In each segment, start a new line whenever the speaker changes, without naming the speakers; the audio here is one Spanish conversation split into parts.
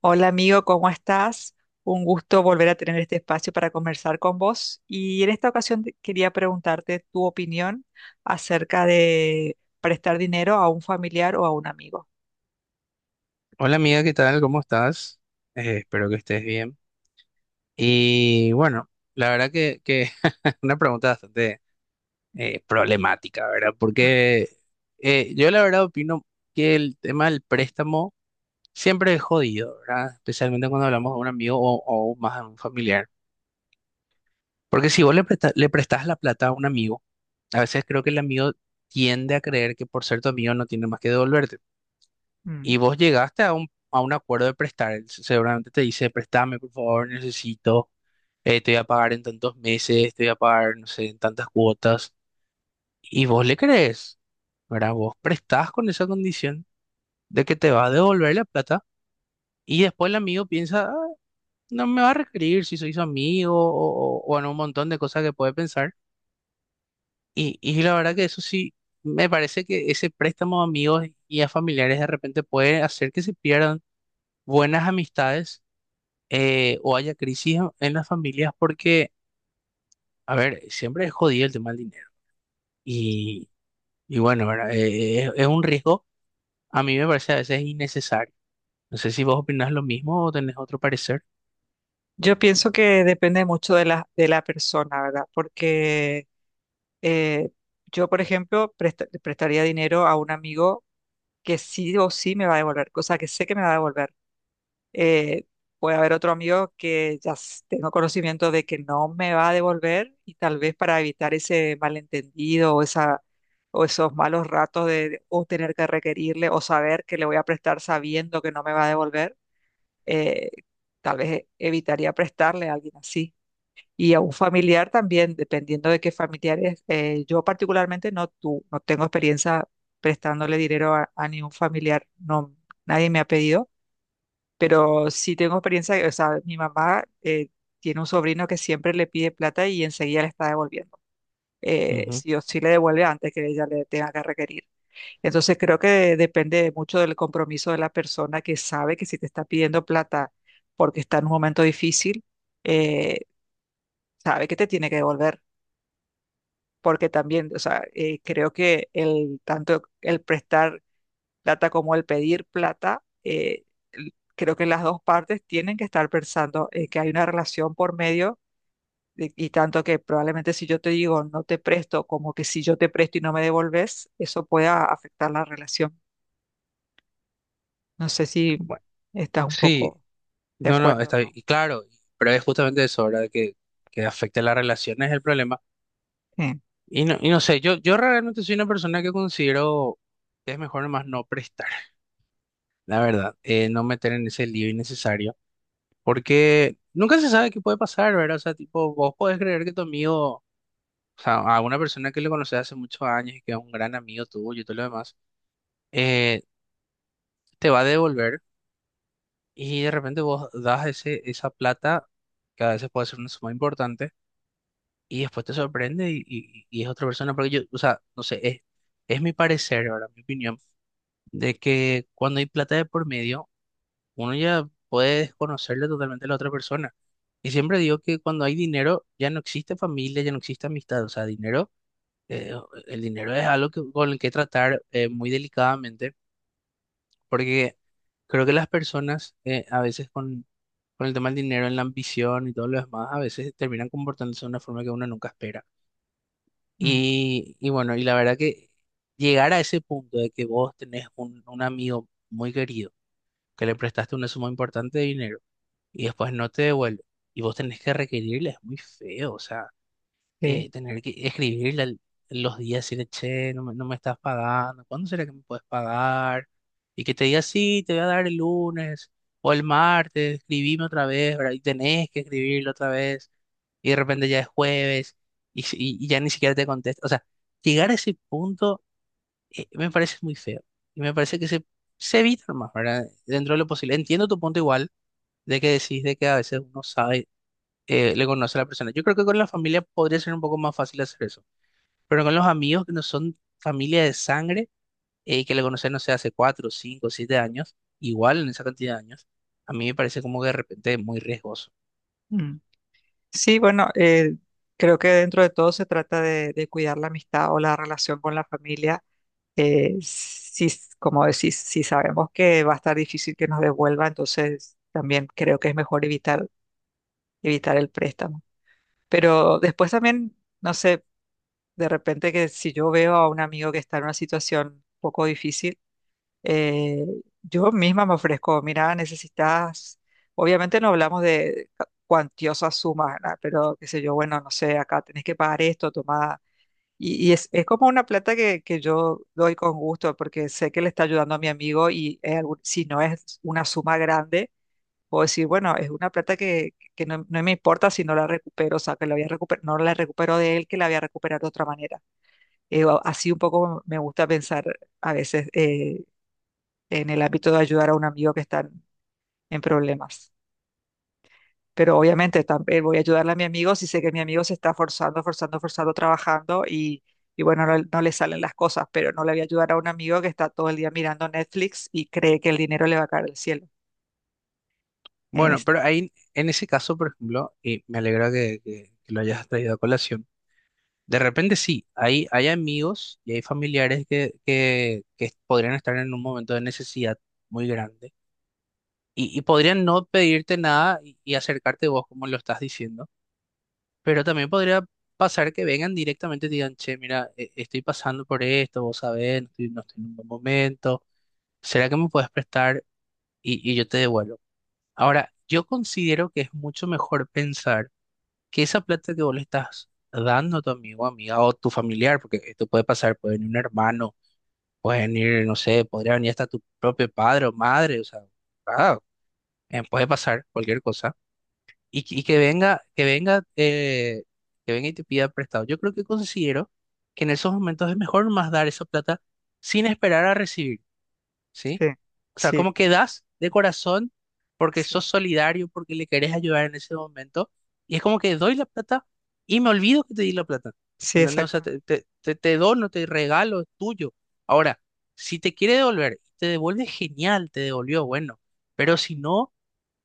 Hola amigo, ¿cómo estás? Un gusto volver a tener este espacio para conversar con vos. Y en esta ocasión quería preguntarte tu opinión acerca de prestar dinero a un familiar o a un amigo.
Hola amiga, ¿qué tal? ¿Cómo estás? Espero que estés bien. Y bueno, la verdad que una pregunta bastante problemática, ¿verdad?
Mm,
Porque yo la verdad opino que el tema del préstamo siempre es jodido, ¿verdad? Especialmente cuando hablamos de un amigo o más a un familiar. Porque si vos le prestás la plata a un amigo, a veces creo que el amigo tiende a creer que por ser tu amigo no tiene más que devolverte.
mm.
Y vos llegaste a un acuerdo de prestar. Seguramente te dice, préstame, por favor, necesito, te voy a pagar en tantos meses, te voy a pagar, no sé, en tantas cuotas. Y vos le crees, ¿verdad? Vos prestás con esa condición de que te va a devolver la plata. Y después el amigo piensa, "Ah, no me va a requerir si soy su amigo o, o en un montón de cosas que puede pensar". Y la verdad que eso sí, me parece que ese préstamo a amigos y a familiares de repente puede hacer que se pierdan buenas amistades, o haya crisis en las familias porque, a ver, siempre es jodido el tema del dinero. Y, y bueno, ¿verdad? Es un riesgo, a mí me parece a veces innecesario. No sé si vos opinás lo mismo o tenés otro parecer.
Yo pienso que depende mucho de la persona, ¿verdad? Porque eh, yo, por ejemplo, le prestaría dinero a un amigo que sí o sí me va a devolver, cosa que sé que me va a devolver. Eh, puede haber otro amigo que tengo conocimiento de que no me va a devolver y tal vez para evitar ese malentendido o esos malos ratos o tener que requerirle o saber que le voy a prestar sabiendo que no me va a devolver, eh, tal vez evitaría prestarle a alguien así. Y a un familiar también, dependiendo de qué familiares. Yo particularmente no, no tengo experiencia prestándole dinero a ningún familiar, no, nadie me ha pedido pero sí tengo experiencia, o sea, mi mamá tiene un sobrino que siempre le pide plata y enseguida le está devolviendo.
Ujú.
Sí o sí le devuelve antes que ella le tenga que requerir. Entonces creo que depende mucho del compromiso de la persona que sabe que si te está pidiendo plata porque está en un momento difícil, eh, sabe que te tiene que devolver. Porque también, o sea, creo que el tanto el prestar plata como el pedir plata, creo que las dos partes tienen que estar pensando que hay una relación por medio y tanto que probablemente si yo te digo no te presto, como que si yo te presto y no me devolves, eso pueda afectar la relación. No sé si
Bueno,
estás un
sí,
poco de
no, no,
acuerdo o
está bien.
no.
Y claro, pero es justamente eso, ¿verdad? Que afecta a las relaciones el problema.
Eh,
Y no sé, yo realmente soy una persona que considero que es mejor nomás no prestar, la verdad, no meter en ese lío innecesario. Porque nunca se sabe qué puede pasar, ¿verdad? O sea, tipo, vos podés creer que tu amigo, o sea, a una persona que le conoces hace muchos años y que es un gran amigo tuyo y todo lo demás, eh, te va a devolver, y de repente vos das esa plata, que a veces puede ser una suma importante, y después te sorprende y es otra persona. Porque yo, o sea, no sé, es mi parecer, ¿verdad? Mi opinión, de que cuando hay plata de por medio, uno ya puede desconocerle totalmente a la otra persona. Y siempre digo que cuando hay dinero ya no existe familia, ya no existe amistad. O sea, dinero, eh, el dinero es algo con el que tratar muy delicadamente, porque creo que las personas, a veces con el tema del dinero, en la ambición y todo lo demás, a veces terminan comportándose de una forma que uno nunca espera.
mm,
Y bueno, y la verdad que llegar a ese punto de que vos tenés un amigo muy querido, que le prestaste una suma importante de dinero, y después no te devuelve. Y vos tenés que requerirle, es muy feo, o sea,
sí,
tener que los días, decirle, che, no me estás pagando, ¿cuándo será que me puedes pagar? Y que te diga, sí, te voy a dar el lunes o el martes, escribime otra vez, ¿verdad? Y tenés que escribirlo otra vez, y de repente ya es jueves, y, y ya ni siquiera te contesta. O sea, llegar a ese punto, me parece muy feo, y me parece que se evita más, ¿verdad? Dentro de lo posible. Entiendo tu punto igual de que decís de que a veces uno sabe, le conoce a la persona. Yo creo que con la familia podría ser un poco más fácil hacer eso, pero con los amigos que no son familia de sangre, y que le conocen, no sé, hace cuatro, cinco, siete años, igual en esa cantidad de años, a mí me parece como que de repente es muy riesgoso.
mm. Sí, bueno, creo que dentro de todo se trata de cuidar la amistad o la relación con la familia si, como decís, si sabemos que va a estar difícil que nos devuelva, entonces también creo que es mejor evitar, evitar el préstamo. Pero después también, no sé, de repente que si yo veo a un amigo que está en una situación un poco difícil, eh, yo misma me ofrezco, mira, necesitas, obviamente no hablamos de cuantiosas sumas, ¿verdad? Pero qué sé yo, bueno, no sé, acá tenés que pagar esto, toma y es como una plata que yo doy con gusto porque sé que le está ayudando a mi amigo y es si no es una suma grande, puedo decir, bueno, es una plata que no me importa si no la recupero, o sea, que la voy a no la recupero de él, que la voy a recuperar de otra manera. Así un poco me gusta pensar a veces en el ámbito de ayudar a un amigo que está en problemas. Pero obviamente también voy a ayudarle a mi amigo si sé que mi amigo se está forzando, forzando, forzando, trabajando y bueno, no, no le salen las cosas, pero no le voy a ayudar a un amigo que está todo el día mirando Netflix y cree que el dinero le va a caer del cielo.
Bueno,
Es-
pero ahí, en ese caso, por ejemplo, y me alegra que lo hayas traído a colación. De repente sí, hay amigos y hay familiares que, que podrían estar en un momento de necesidad muy grande. Y podrían no pedirte nada y acercarte vos, como lo estás diciendo. Pero también podría pasar que vengan directamente y digan, che, mira, estoy pasando por esto, vos sabés, no estoy en un buen momento. ¿Será que me puedes prestar? Y yo te devuelvo. Ahora, yo considero que es mucho mejor pensar que esa plata que vos le estás dando a tu amigo, amiga o tu familiar, porque esto puede pasar, puede venir un hermano, puede venir, no sé, podría venir hasta tu propio padre o madre, o sea, ah, puede pasar cualquier cosa. Y, que- y que venga, que venga, eh, que venga y te pida prestado. Yo creo que considero que en esos momentos es mejor más dar esa plata sin esperar a recibir, ¿sí?
sí,
O sea,
sí,
como que das de corazón porque sos
sí,
solidario, porque le querés ayudar en ese momento. Y es como que doy la plata y me olvido que te di la plata.
sí,
¿Entendés? O sea,
exactamente.
te dono, te regalo, es tuyo. Ahora, si te quiere devolver, te devuelve genial, te devolvió, bueno. Pero si no,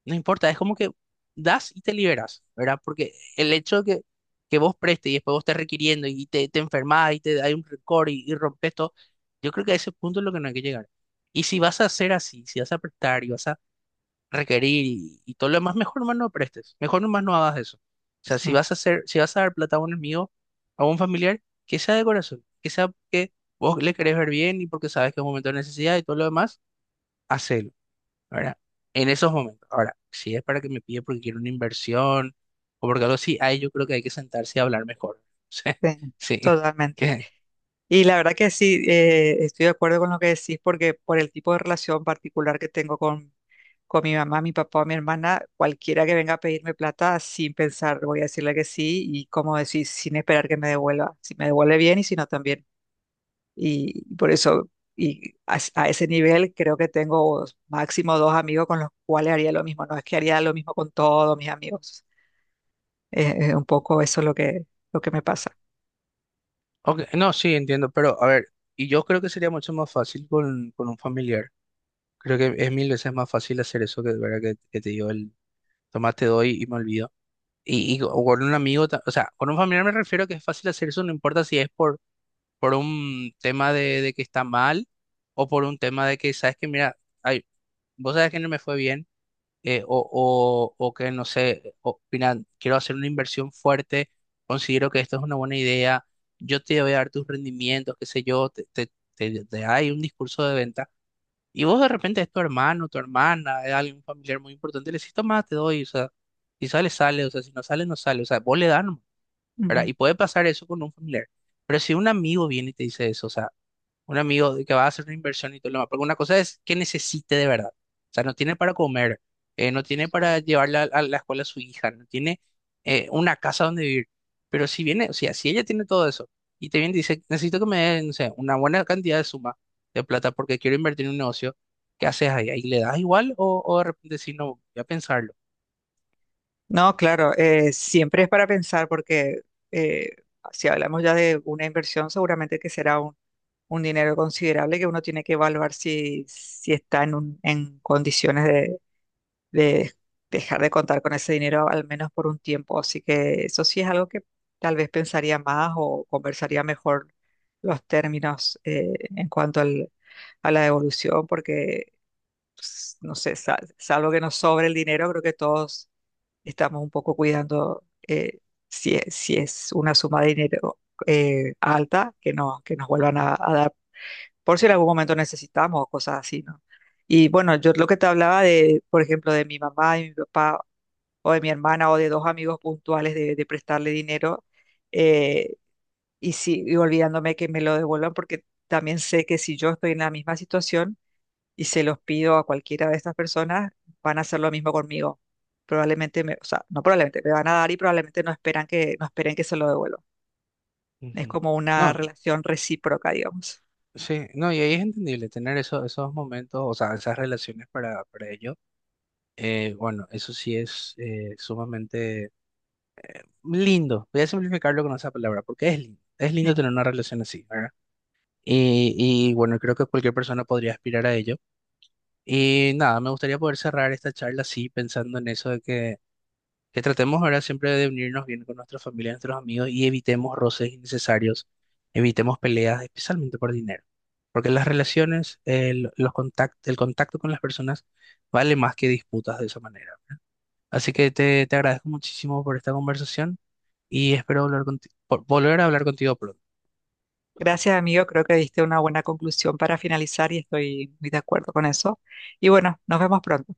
no importa, es como que das y te liberas, ¿verdad? Porque el hecho de que vos prestes y después vos estés requiriendo te enfermas y te hay un récord y rompes todo, yo creo que a ese punto es lo que no hay que llegar. Y si vas a hacer así, si vas a prestar y vas a requerir y todo lo demás, mejor nomás no prestes, mejor nomás no hagas eso. O sea, si
Sí,
vas a hacer, si vas a dar plata a un amigo, a un familiar, que sea de corazón, que sea porque vos le querés ver bien y porque sabes que es un momento de necesidad y todo lo demás, hacelo. ¿Verdad? En esos momentos. Ahora, si es para que me pide porque quiere una inversión o porque algo así, ahí yo creo que hay que sentarse y hablar mejor. Sí,
sí,
sí.
totalmente.
¿Qué?
Y la verdad que sí, estoy de acuerdo con lo que decís porque por el tipo de relación particular que tengo con mi mamá, mi papá o mi hermana, cualquiera que venga a pedirme plata, sin pensar, voy a decirle que sí y como decir, sin esperar que me devuelva. Si me devuelve bien y si no también. Y por eso, y a, a ese nivel creo que tengo máximo dos amigos con los cuales haría lo mismo. No es que haría lo mismo con todos mis amigos. Un poco eso es lo que me pasa.
Ok, no, sí, entiendo, pero a ver, y yo creo que sería mucho más fácil con un familiar. Creo que es mil veces más fácil hacer eso que, ¿verdad? Que te digo, el tomás, te doy y me olvido. Y co- o con un amigo, o sea, con un familiar me refiero a que es fácil hacer eso, no importa si es por un tema de que está mal o por un tema de que, sabes que, mira, ay, vos sabes que no me fue bien. Eh, o que, no sé, opinan, quiero hacer una inversión fuerte, considero que esto es una buena idea, yo te voy a dar tus rendimientos, qué sé yo, te hay un discurso de venta, y vos de repente es tu hermano, tu hermana, es alguien familiar muy importante, le decís, toma, te doy, o sea, si sale, sale, o sea, si no sale, no sale, o sea, vos le das, nomás, ¿verdad?
Ujú.
Y puede pasar eso con un familiar, pero si un amigo viene y te dice eso, o sea, un amigo de que va a hacer una inversión y todo lo demás, porque una cosa es que necesite de verdad. O sea, no tiene para comer, no tiene para
Sí.
llevarla a la escuela a su hija, no tiene, una casa donde vivir. Pero si viene, o sea, si ella tiene todo eso y te viene y dice, necesito que me den, no sé, una buena cantidad de suma de plata porque quiero invertir en un negocio, ¿qué haces ahí? ¿Ahí le das igual o de repente si no, voy a pensarlo?
No, claro, siempre es para pensar porque eh, si hablamos ya de una inversión, seguramente que será un dinero considerable que uno tiene que evaluar si, si está en, en condiciones de dejar de contar con ese dinero al menos por un tiempo. Así que eso sí es algo que tal vez pensaría más o conversaría mejor los términos en cuanto a la devolución, porque no sé, salvo que nos sobre el dinero, creo que todos estamos un poco cuidando si, es, si es una suma de dinero alta, que, no, que nos vuelvan
Ujú,
a dar, por si en algún momento necesitamos o cosas así, ¿no? Y bueno, yo lo que te hablaba de, por ejemplo, de mi mamá y mi papá, o de mi hermana, o de dos amigos puntuales de prestarle dinero, eh, y, si, y olvidándome que me lo devuelvan, porque también sé que si yo estoy en la misma situación, y se los pido a cualquiera de estas personas, van a hacer lo mismo conmigo. Probablemente me, o sea, no probablemente, me van a dar y probablemente no esperan que, no esperen que se lo devuelva. Es
ujú.
como una
No,
relación recíproca, digamos.
sí, no, y ahí es entendible tener eso, esos momentos, o sea, esas relaciones para ellos. Bueno, eso sí es, sumamente lindo. Voy a simplificarlo con esa palabra, porque es lindo. Es lindo
Bien.
tener una relación así, ¿verdad? Y, y bueno, creo que cualquier persona podría aspirar a ello. Y nada, me gustaría poder cerrar esta charla así, pensando en eso de que tratemos ahora siempre de unirnos bien con nuestra familia, nuestros amigos y evitemos roces innecesarios, evitemos peleas, especialmente por dinero. Porque las relaciones, el contacto con las personas vale más que disputas de esa manera. Así que te agradezco muchísimo por esta conversación y espero volver a hablar contigo pronto.
Gracias, amigo. Creo que diste una buena conclusión para finalizar y estoy muy de acuerdo con eso. Y bueno, nos vemos pronto.